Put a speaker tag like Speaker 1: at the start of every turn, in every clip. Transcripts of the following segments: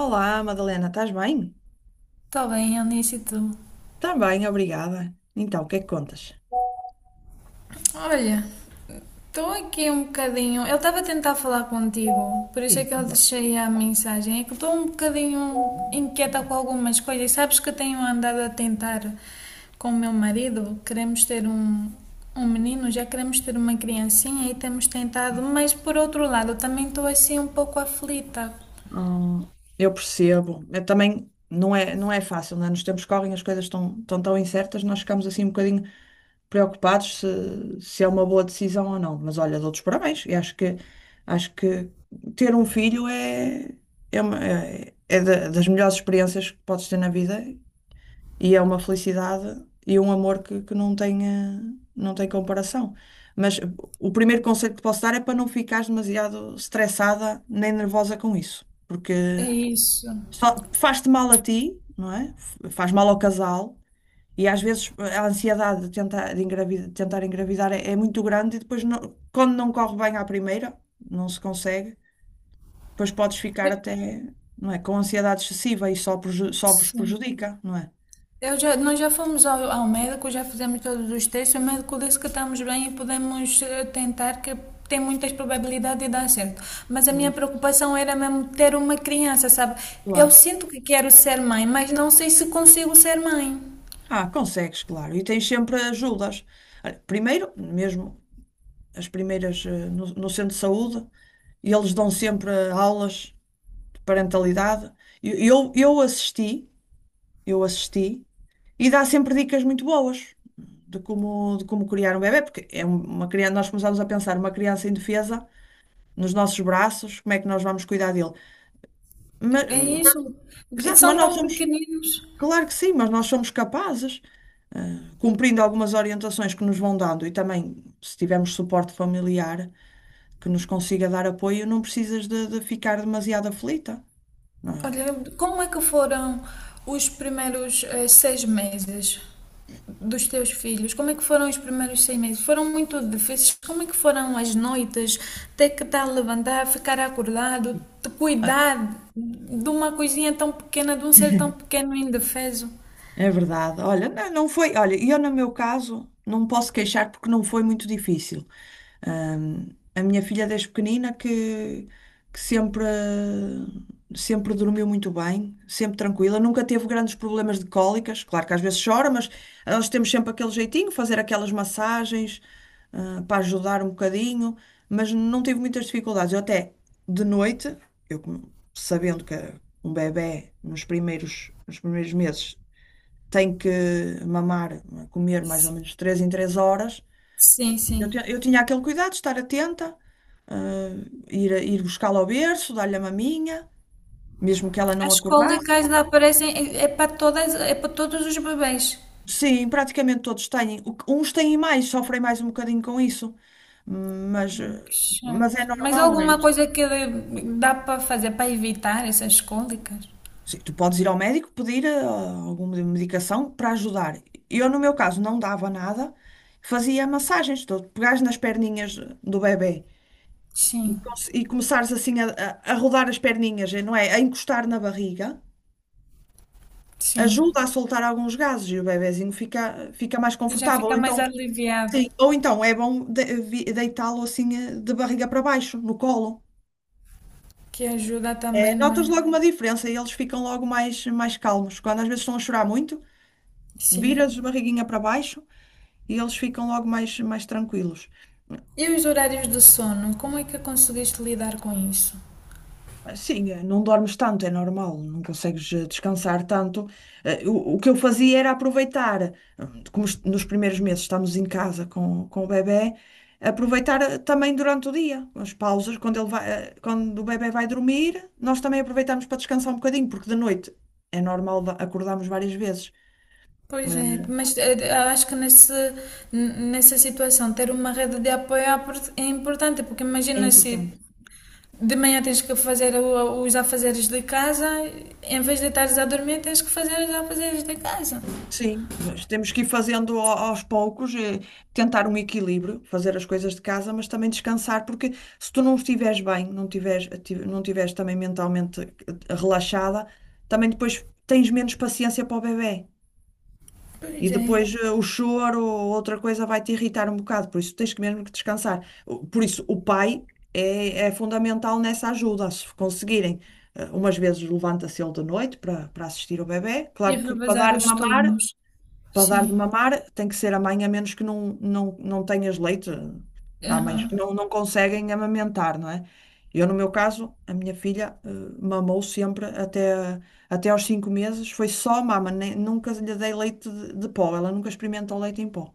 Speaker 1: Olá, Madalena, estás bem?
Speaker 2: Está bem, Eunice, e tu?
Speaker 1: Tá bem, obrigada. Então, o que é que contas?
Speaker 2: Olha, estou aqui um bocadinho. Eu estava a tentar falar contigo, por isso é
Speaker 1: Sim,
Speaker 2: que eu
Speaker 1: bom.
Speaker 2: deixei a mensagem. É que estou um bocadinho inquieta com algumas coisas. Sabes que eu tenho andado a tentar com o meu marido. Queremos ter um menino, já queremos ter uma criancinha e temos tentado, mas por outro lado, também estou assim um pouco aflita.
Speaker 1: Hum, eu percebo. Eu também não é fácil, né? Nos tempos que correm as coisas estão tão incertas, nós ficamos assim um bocadinho preocupados se é uma boa decisão ou não. Mas olha, dou-te os parabéns. Acho que ter um filho das melhores experiências que podes ter na vida. E é uma felicidade e um amor que não tem, não tem comparação. Mas eh, o primeiro conselho que te posso dar é para não ficares demasiado estressada nem nervosa com isso, porque
Speaker 2: É isso.
Speaker 1: só faz-te mal a ti, não é? Faz mal ao casal. E às vezes a ansiedade de tentar, de engravidar, de tentar engravidar é muito grande e depois, quando não corre bem à primeira, não se consegue, depois podes ficar
Speaker 2: É-
Speaker 1: até, não é, com ansiedade excessiva e só, só vos
Speaker 2: Sim.
Speaker 1: prejudica, não é?
Speaker 2: Nós já fomos ao médico, já fizemos todos os testes. O médico disse que estamos bem e podemos tentar, que tem muitas probabilidades de dar certo. Mas a minha
Speaker 1: Boa.
Speaker 2: preocupação era mesmo ter uma criança, sabe? Eu
Speaker 1: Claro.
Speaker 2: sinto que quero ser mãe, mas não sei se consigo ser mãe.
Speaker 1: Ah, consegues, claro. E tens sempre ajudas. Olha, primeiro, mesmo as primeiras no centro de saúde, e eles dão sempre aulas de parentalidade. E Eu, eu assisti, eu assisti, e dá sempre dicas muito boas de como criar um bebé, porque uma criança, nós começamos a pensar uma criança indefesa nos nossos braços, como é que nós vamos cuidar dele? Mas,
Speaker 2: É
Speaker 1: mas-
Speaker 2: isso.
Speaker 1: exato,
Speaker 2: São tão pequeninos.
Speaker 1: claro que sim, mas nós somos capazes, cumprindo algumas orientações que nos vão dando, e também se tivermos suporte familiar que nos consiga dar apoio, não precisas de ficar demasiado aflita. Ah,
Speaker 2: Olha, como é que foram os primeiros 6 meses dos teus filhos? Como é que foram os primeiros 6 meses? Foram muito difíceis? Como é que foram as noites? Ter que estar a levantar, ficar acordado, te
Speaker 1: Ah,
Speaker 2: cuidar de uma coisinha tão pequena, de um ser tão pequeno e indefeso?
Speaker 1: É verdade. Olha, não foi. Olha, eu no meu caso não posso queixar porque não foi muito difícil. Ahm, a minha filha desde pequenina que sempre, sempre dormiu muito bem, sempre tranquila, nunca teve grandes problemas de cólicas. Claro que às vezes chora, mas nós temos sempre aquele jeitinho, fazer aquelas massagens, para ajudar um bocadinho, mas não tive muitas dificuldades. Eu até de noite, sabendo que um bebé nos primeiros meses tem que mamar, comer mais ou menos 3 em 3 horas.
Speaker 2: Sim, sim.
Speaker 1: Eu tinha aquele cuidado de estar atenta, ah, ir buscá-la ao berço, dar-lhe a maminha, mesmo que ela não
Speaker 2: As
Speaker 1: acordasse.
Speaker 2: cólicas aparecem, é, é para todas, é para todos os bebês.
Speaker 1: Sim, praticamente todos têm. Uns têm mais, sofrem mais um bocadinho com isso, mas, ah,
Speaker 2: Que
Speaker 1: mas é
Speaker 2: chato. Mas há
Speaker 1: normal, não é?
Speaker 2: alguma coisa que dá para fazer para evitar essas cólicas?
Speaker 1: Sim, tu podes ir ao médico pedir alguma medicação para ajudar. Eu, no meu caso, não dava nada, fazia massagens, tu pegares nas perninhas do bebê
Speaker 2: Sim.
Speaker 1: e começares assim a rodar as perninhas, não é? A encostar na barriga.
Speaker 2: Sim.
Speaker 1: Ajuda a soltar alguns gases e o bebezinho fica mais
Speaker 2: E já
Speaker 1: confortável. Ou
Speaker 2: fica mais
Speaker 1: então,
Speaker 2: aliviado,
Speaker 1: sim, ou então é bom deitá-lo assim de barriga para baixo, no colo.
Speaker 2: que ajuda também, não
Speaker 1: Notas
Speaker 2: é?
Speaker 1: logo uma diferença e eles ficam logo mais calmos. Quando às vezes estão a chorar muito,
Speaker 2: Sim.
Speaker 1: viras de barriguinha para baixo e eles ficam logo mais tranquilos.
Speaker 2: E os horários de sono, como é que conseguiste lidar com isso?
Speaker 1: Sim, não dormes tanto, é normal, não consegues descansar tanto. O que eu fazia era aproveitar, como nos primeiros meses estamos em casa com o bebé, aproveitar também durante o dia, as pausas, quando ele vai, quando o bebé vai dormir, nós também aproveitamos para descansar um bocadinho, porque de noite é normal acordarmos várias vezes.
Speaker 2: Pois é,
Speaker 1: Eh,
Speaker 2: mas acho que nessa situação ter uma rede de apoio é importante, porque
Speaker 1: É
Speaker 2: imagina se
Speaker 1: importante.
Speaker 2: de manhã tens que fazer os afazeres de casa, em vez de estares a dormir, tens que fazer os afazeres de casa.
Speaker 1: Sim, nós temos que ir fazendo aos poucos, tentar um equilíbrio, fazer as coisas de casa, mas também descansar, porque se tu não estiveres bem, não tiveres também mentalmente relaxada, também depois tens menos paciência para o bebé. E
Speaker 2: Pois é.
Speaker 1: depois o choro ou outra coisa vai te irritar um bocado, por isso tens que mesmo que descansar. Por isso o pai é fundamental nessa ajuda, se conseguirem. Umas vezes levanta-se ele de noite para assistir o bebé,
Speaker 2: E
Speaker 1: claro que para
Speaker 2: revezar
Speaker 1: dar
Speaker 2: os
Speaker 1: mamar,
Speaker 2: turnos.
Speaker 1: para dar
Speaker 2: Sim.
Speaker 1: de mamar tem que ser a mãe, a menos que não tenhas leite. Há mães que
Speaker 2: Aham.
Speaker 1: não conseguem amamentar, não é? Eu, no meu caso, a minha filha mamou sempre até, até aos 5 meses, foi só mama, nunca lhe dei leite de pó, ela nunca experimentou leite em pó.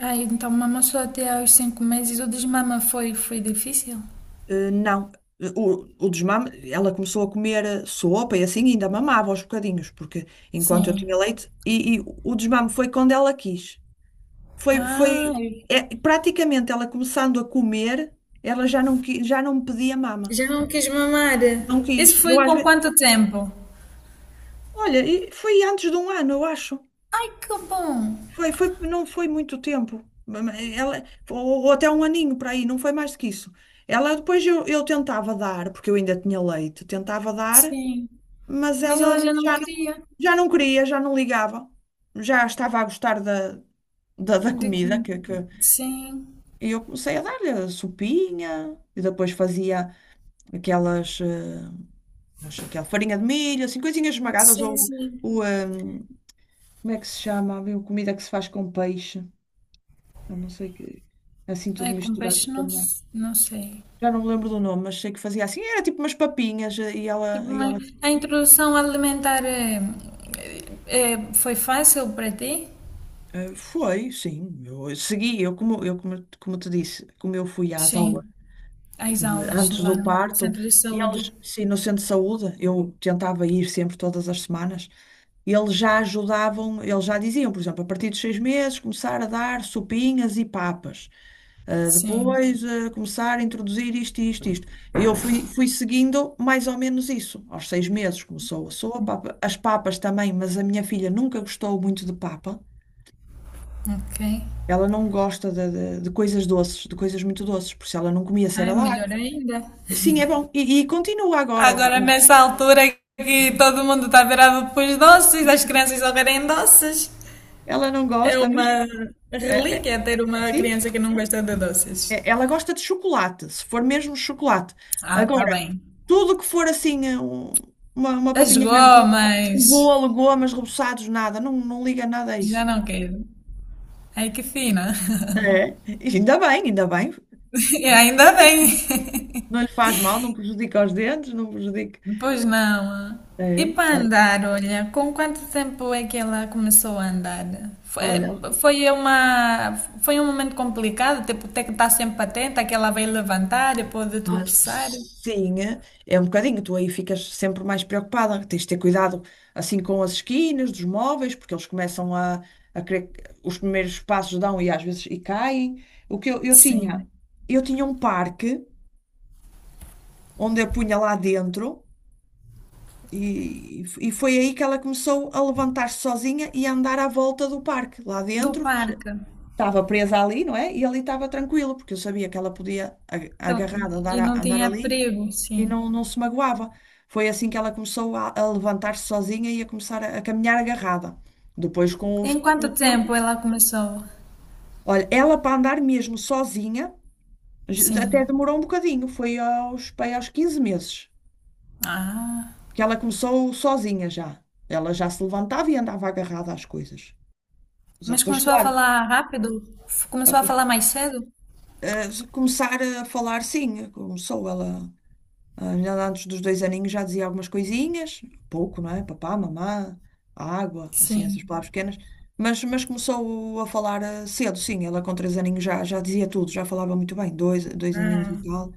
Speaker 2: Ah, então mamou só até aos 5 meses. O desmama foi, foi difícil?
Speaker 1: Eh, não, Eh, o desmame, ela começou a comer sopa e assim ainda mamava aos bocadinhos, porque enquanto eu tinha
Speaker 2: Sim.
Speaker 1: leite, e o desmame foi quando ela quis. Foi,
Speaker 2: Ah,
Speaker 1: foi, é, praticamente ela começando a comer, ela já já não me pedia mama.
Speaker 2: já não quis mamar.
Speaker 1: Não
Speaker 2: Isso
Speaker 1: quis.
Speaker 2: foi com quanto tempo?
Speaker 1: Olha, e foi antes de um ano, eu acho.
Speaker 2: Ai, que bom.
Speaker 1: Foi, não foi muito tempo. Ou até um aninho para aí, não foi mais do que isso. Eu tentava dar, porque eu ainda tinha leite, tentava dar,
Speaker 2: Sim.
Speaker 1: mas
Speaker 2: Mas ela
Speaker 1: ela
Speaker 2: já não queria.
Speaker 1: já não queria, já não ligava. Já estava a gostar da comida
Speaker 2: De- Sim,
Speaker 1: e eu comecei a dar-lhe sopinha e depois fazia. Aquelas, eh, mas aquela farinha de milho, assim, coisinhas esmagadas, ou
Speaker 2: sim.
Speaker 1: o, ehm, como é que se chama? Havia uma comida que se faz com peixe, eu não sei que, assim tudo
Speaker 2: Ai, com
Speaker 1: misturado
Speaker 2: peixe não,
Speaker 1: também.
Speaker 2: não sei.
Speaker 1: Já não me lembro do nome, mas sei que fazia assim, era tipo umas papinhas,
Speaker 2: Tipo,
Speaker 1: e
Speaker 2: mas
Speaker 1: ela
Speaker 2: a introdução alimentar foi fácil para ti?
Speaker 1: foi, sim, eu segui, como te disse, como eu fui às aulas
Speaker 2: Sim. As aulas
Speaker 1: antes
Speaker 2: lá
Speaker 1: do
Speaker 2: no
Speaker 1: parto.
Speaker 2: centro de
Speaker 1: E eles,
Speaker 2: saúde.
Speaker 1: sim, no centro de saúde, eu tentava ir sempre todas as semanas. E eles já ajudavam, eles já diziam, por exemplo, a partir dos 6 meses, começar a dar sopinhas e papas. Ah,
Speaker 2: Sim.
Speaker 1: depois, ah, começar a introduzir isto, isto, isto. E eu fui seguindo mais ou menos isso. Aos 6 meses começou a sopa, as papas também, mas a minha filha nunca gostou muito de papa.
Speaker 2: Ok.
Speaker 1: Ela não gosta de coisas doces, de coisas muito doces, por isso ela não comia
Speaker 2: Ai,
Speaker 1: cerelac.
Speaker 2: melhor ainda.
Speaker 1: Sim, é bom. E e continua agora.
Speaker 2: Agora, nessa altura que todo mundo está virado para os doces, as crianças só querem doces.
Speaker 1: Ela não
Speaker 2: É
Speaker 1: gosta, mas
Speaker 2: uma
Speaker 1: eh, eh,
Speaker 2: relíquia ter uma
Speaker 1: sim,
Speaker 2: criança que não gosta de doces.
Speaker 1: ela gosta de chocolate, se for mesmo chocolate.
Speaker 2: Ah, tá
Speaker 1: Agora,
Speaker 2: bem.
Speaker 1: tudo que for assim, uma
Speaker 2: As
Speaker 1: papinha mais doce, um
Speaker 2: gomas,
Speaker 1: bolo, gomas, reboçados, nada, não liga nada a
Speaker 2: já
Speaker 1: isso.
Speaker 2: não quero. Ai, que fina.
Speaker 1: É. E ainda bem, ainda bem.
Speaker 2: E ainda bem.
Speaker 1: Não lhe faz mal, não prejudica os dentes, não prejudica.
Speaker 2: Pois não. E
Speaker 1: É.
Speaker 2: para andar, olha, com quanto tempo é que ela começou a andar? Foi,
Speaker 1: Olha,
Speaker 2: foi uma, foi um momento complicado, tipo, ter que estar sempre atenta que ela vai levantar e pode tropeçar.
Speaker 1: Sim, é um bocadinho. Tu aí ficas sempre mais preocupada. Tens de ter cuidado assim com as esquinas dos móveis, porque eles começam a querer, os primeiros passos dão e às vezes e caem.
Speaker 2: Sim.
Speaker 1: Eu tinha um parque onde eu punha lá dentro e foi aí que ela começou a levantar-se sozinha e a andar à volta do parque. Lá
Speaker 2: Do
Speaker 1: dentro,
Speaker 2: parque.
Speaker 1: estava presa ali, não é? E ali estava tranquilo, porque eu sabia que ela podia,
Speaker 2: Então,
Speaker 1: agarrada,
Speaker 2: e não
Speaker 1: andar
Speaker 2: tinha
Speaker 1: ali.
Speaker 2: perigo,
Speaker 1: E
Speaker 2: sim.
Speaker 1: não, não se magoava. Foi assim que ela começou a levantar-se sozinha e a começar a caminhar agarrada. Depois,
Speaker 2: Em
Speaker 1: com
Speaker 2: quanto
Speaker 1: o tempo,
Speaker 2: tempo ela começou?
Speaker 1: olha, ela para andar mesmo sozinha,
Speaker 2: Sim.
Speaker 1: até demorou um bocadinho, foi aos 15 meses
Speaker 2: Ah,
Speaker 1: que ela começou sozinha já. Ela já se levantava e andava agarrada às coisas. Mas eu
Speaker 2: mas
Speaker 1: depois,
Speaker 2: começou a
Speaker 1: claro,
Speaker 2: falar rápido?
Speaker 1: a-
Speaker 2: Começou a
Speaker 1: a-
Speaker 2: falar mais cedo?
Speaker 1: a começar a falar, sim, começou ela. A minha lá antes dos dois aninhos já dizia algumas coisinhas, pouco, não é? Papá, mamã, água, assim,
Speaker 2: Sim.
Speaker 1: essas palavras pequenas. Mas começou a falar cedo, sim. Ela com três aninhos já dizia tudo, já falava muito bem, dois aninhos e
Speaker 2: Ah.
Speaker 1: tal.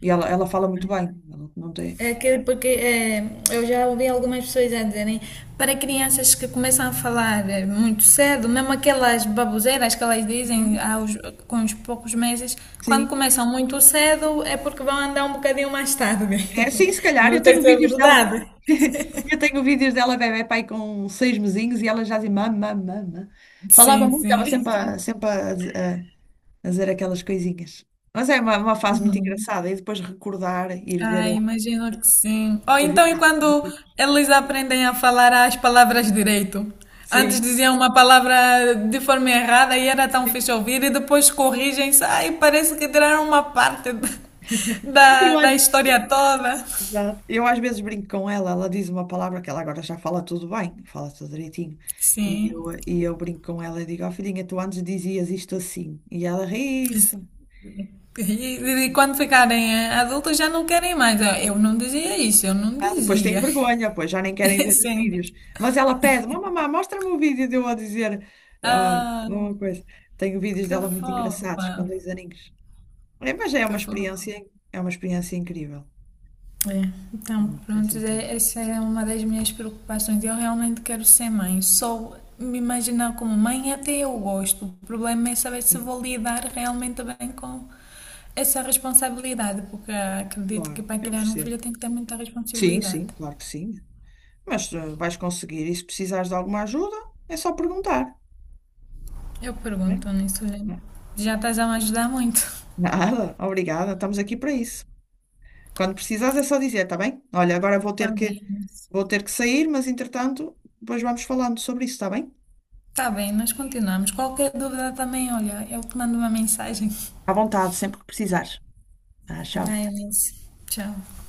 Speaker 1: E ela fala muito bem. Ela não tem...
Speaker 2: É aquele porque é, eu já ouvi algumas pessoas a dizerem para crianças que começam a falar muito cedo, mesmo aquelas baboseiras que elas dizem
Speaker 1: Uhum,
Speaker 2: aos, com os poucos meses, quando
Speaker 1: sim.
Speaker 2: começam muito cedo é porque vão andar um bocadinho mais tarde.
Speaker 1: É, sim, se calhar.
Speaker 2: Não
Speaker 1: Eu tenho
Speaker 2: sei se é
Speaker 1: vídeos dela.
Speaker 2: verdade.
Speaker 1: Eu tenho vídeos dela, bebé, com 6 mesinhos e ela já dizia mamã. Falava
Speaker 2: Sim,
Speaker 1: muito,
Speaker 2: sim.
Speaker 1: sempre a, fazer aquelas coisinhas. Mas é uma fase muito engraçada. E depois recordar,
Speaker 2: Ai, imagino que sim. Ou
Speaker 1: ir
Speaker 2: então,
Speaker 1: ver,
Speaker 2: e
Speaker 1: a
Speaker 2: quando
Speaker 1: repetir.
Speaker 2: eles aprendem a falar as palavras direito? Antes
Speaker 1: Sim,
Speaker 2: diziam uma palavra de forma errada e era tão
Speaker 1: sim.
Speaker 2: fixe ouvir, e depois corrigem-se. Ai, parece que tiraram uma parte
Speaker 1: Eu às,
Speaker 2: da história toda.
Speaker 1: exato. Eu às vezes brinco com ela, ela diz uma palavra que ela agora já fala tudo bem, fala tudo direitinho.
Speaker 2: Sim.
Speaker 1: E eu brinco com ela e digo, ó filhinha, tu antes dizias isto assim. E ela ri-se.
Speaker 2: Quando ficarem adultos já não querem mais. Ah, eu não dizia isso, eu não
Speaker 1: Ah, depois tem
Speaker 2: dizia.
Speaker 1: vergonha, pois já nem querem ver os
Speaker 2: Sim.
Speaker 1: vídeos. Mas ela pede, mamãe, mostra-me o vídeo de eu a dizer ah,
Speaker 2: Ah,
Speaker 1: uma coisa. Tenho vídeos
Speaker 2: que
Speaker 1: dela muito engraçados, com
Speaker 2: fofa.
Speaker 1: dois aninhos. É, mas é
Speaker 2: Que fofa.
Speaker 1: é uma experiência incrível.
Speaker 2: É, então,
Speaker 1: É uma experiência
Speaker 2: pronto,
Speaker 1: incrível.
Speaker 2: essa é uma das minhas preocupações. Eu realmente quero ser mãe. Só me imaginar como mãe até eu gosto. O problema é saber se
Speaker 1: Sim,
Speaker 2: vou lidar realmente bem com essa responsabilidade, porque acredito que
Speaker 1: claro,
Speaker 2: para
Speaker 1: eu
Speaker 2: criar um
Speaker 1: percebo.
Speaker 2: filho tem que ter muita
Speaker 1: Sim,
Speaker 2: responsabilidade.
Speaker 1: sim, claro que sim. Vais conseguir. E se precisares de alguma ajuda, é só perguntar.
Speaker 2: Eu
Speaker 1: Bem,
Speaker 2: pergunto nisso, olha,
Speaker 1: na-
Speaker 2: já estás a me ajudar muito.
Speaker 1: Nada, obrigada, estamos aqui para isso. Quando precisares é só dizer, está bem? Olha, agora
Speaker 2: Está bem,
Speaker 1: vou ter que sair, mas entretanto, depois vamos falando sobre isso, está bem?
Speaker 2: está bem, nós continuamos. Qualquer dúvida também, olha, eu te mando uma mensagem.
Speaker 1: À vontade, sempre que precisares. Tá, tchau.
Speaker 2: Bye, Alice. Tchau.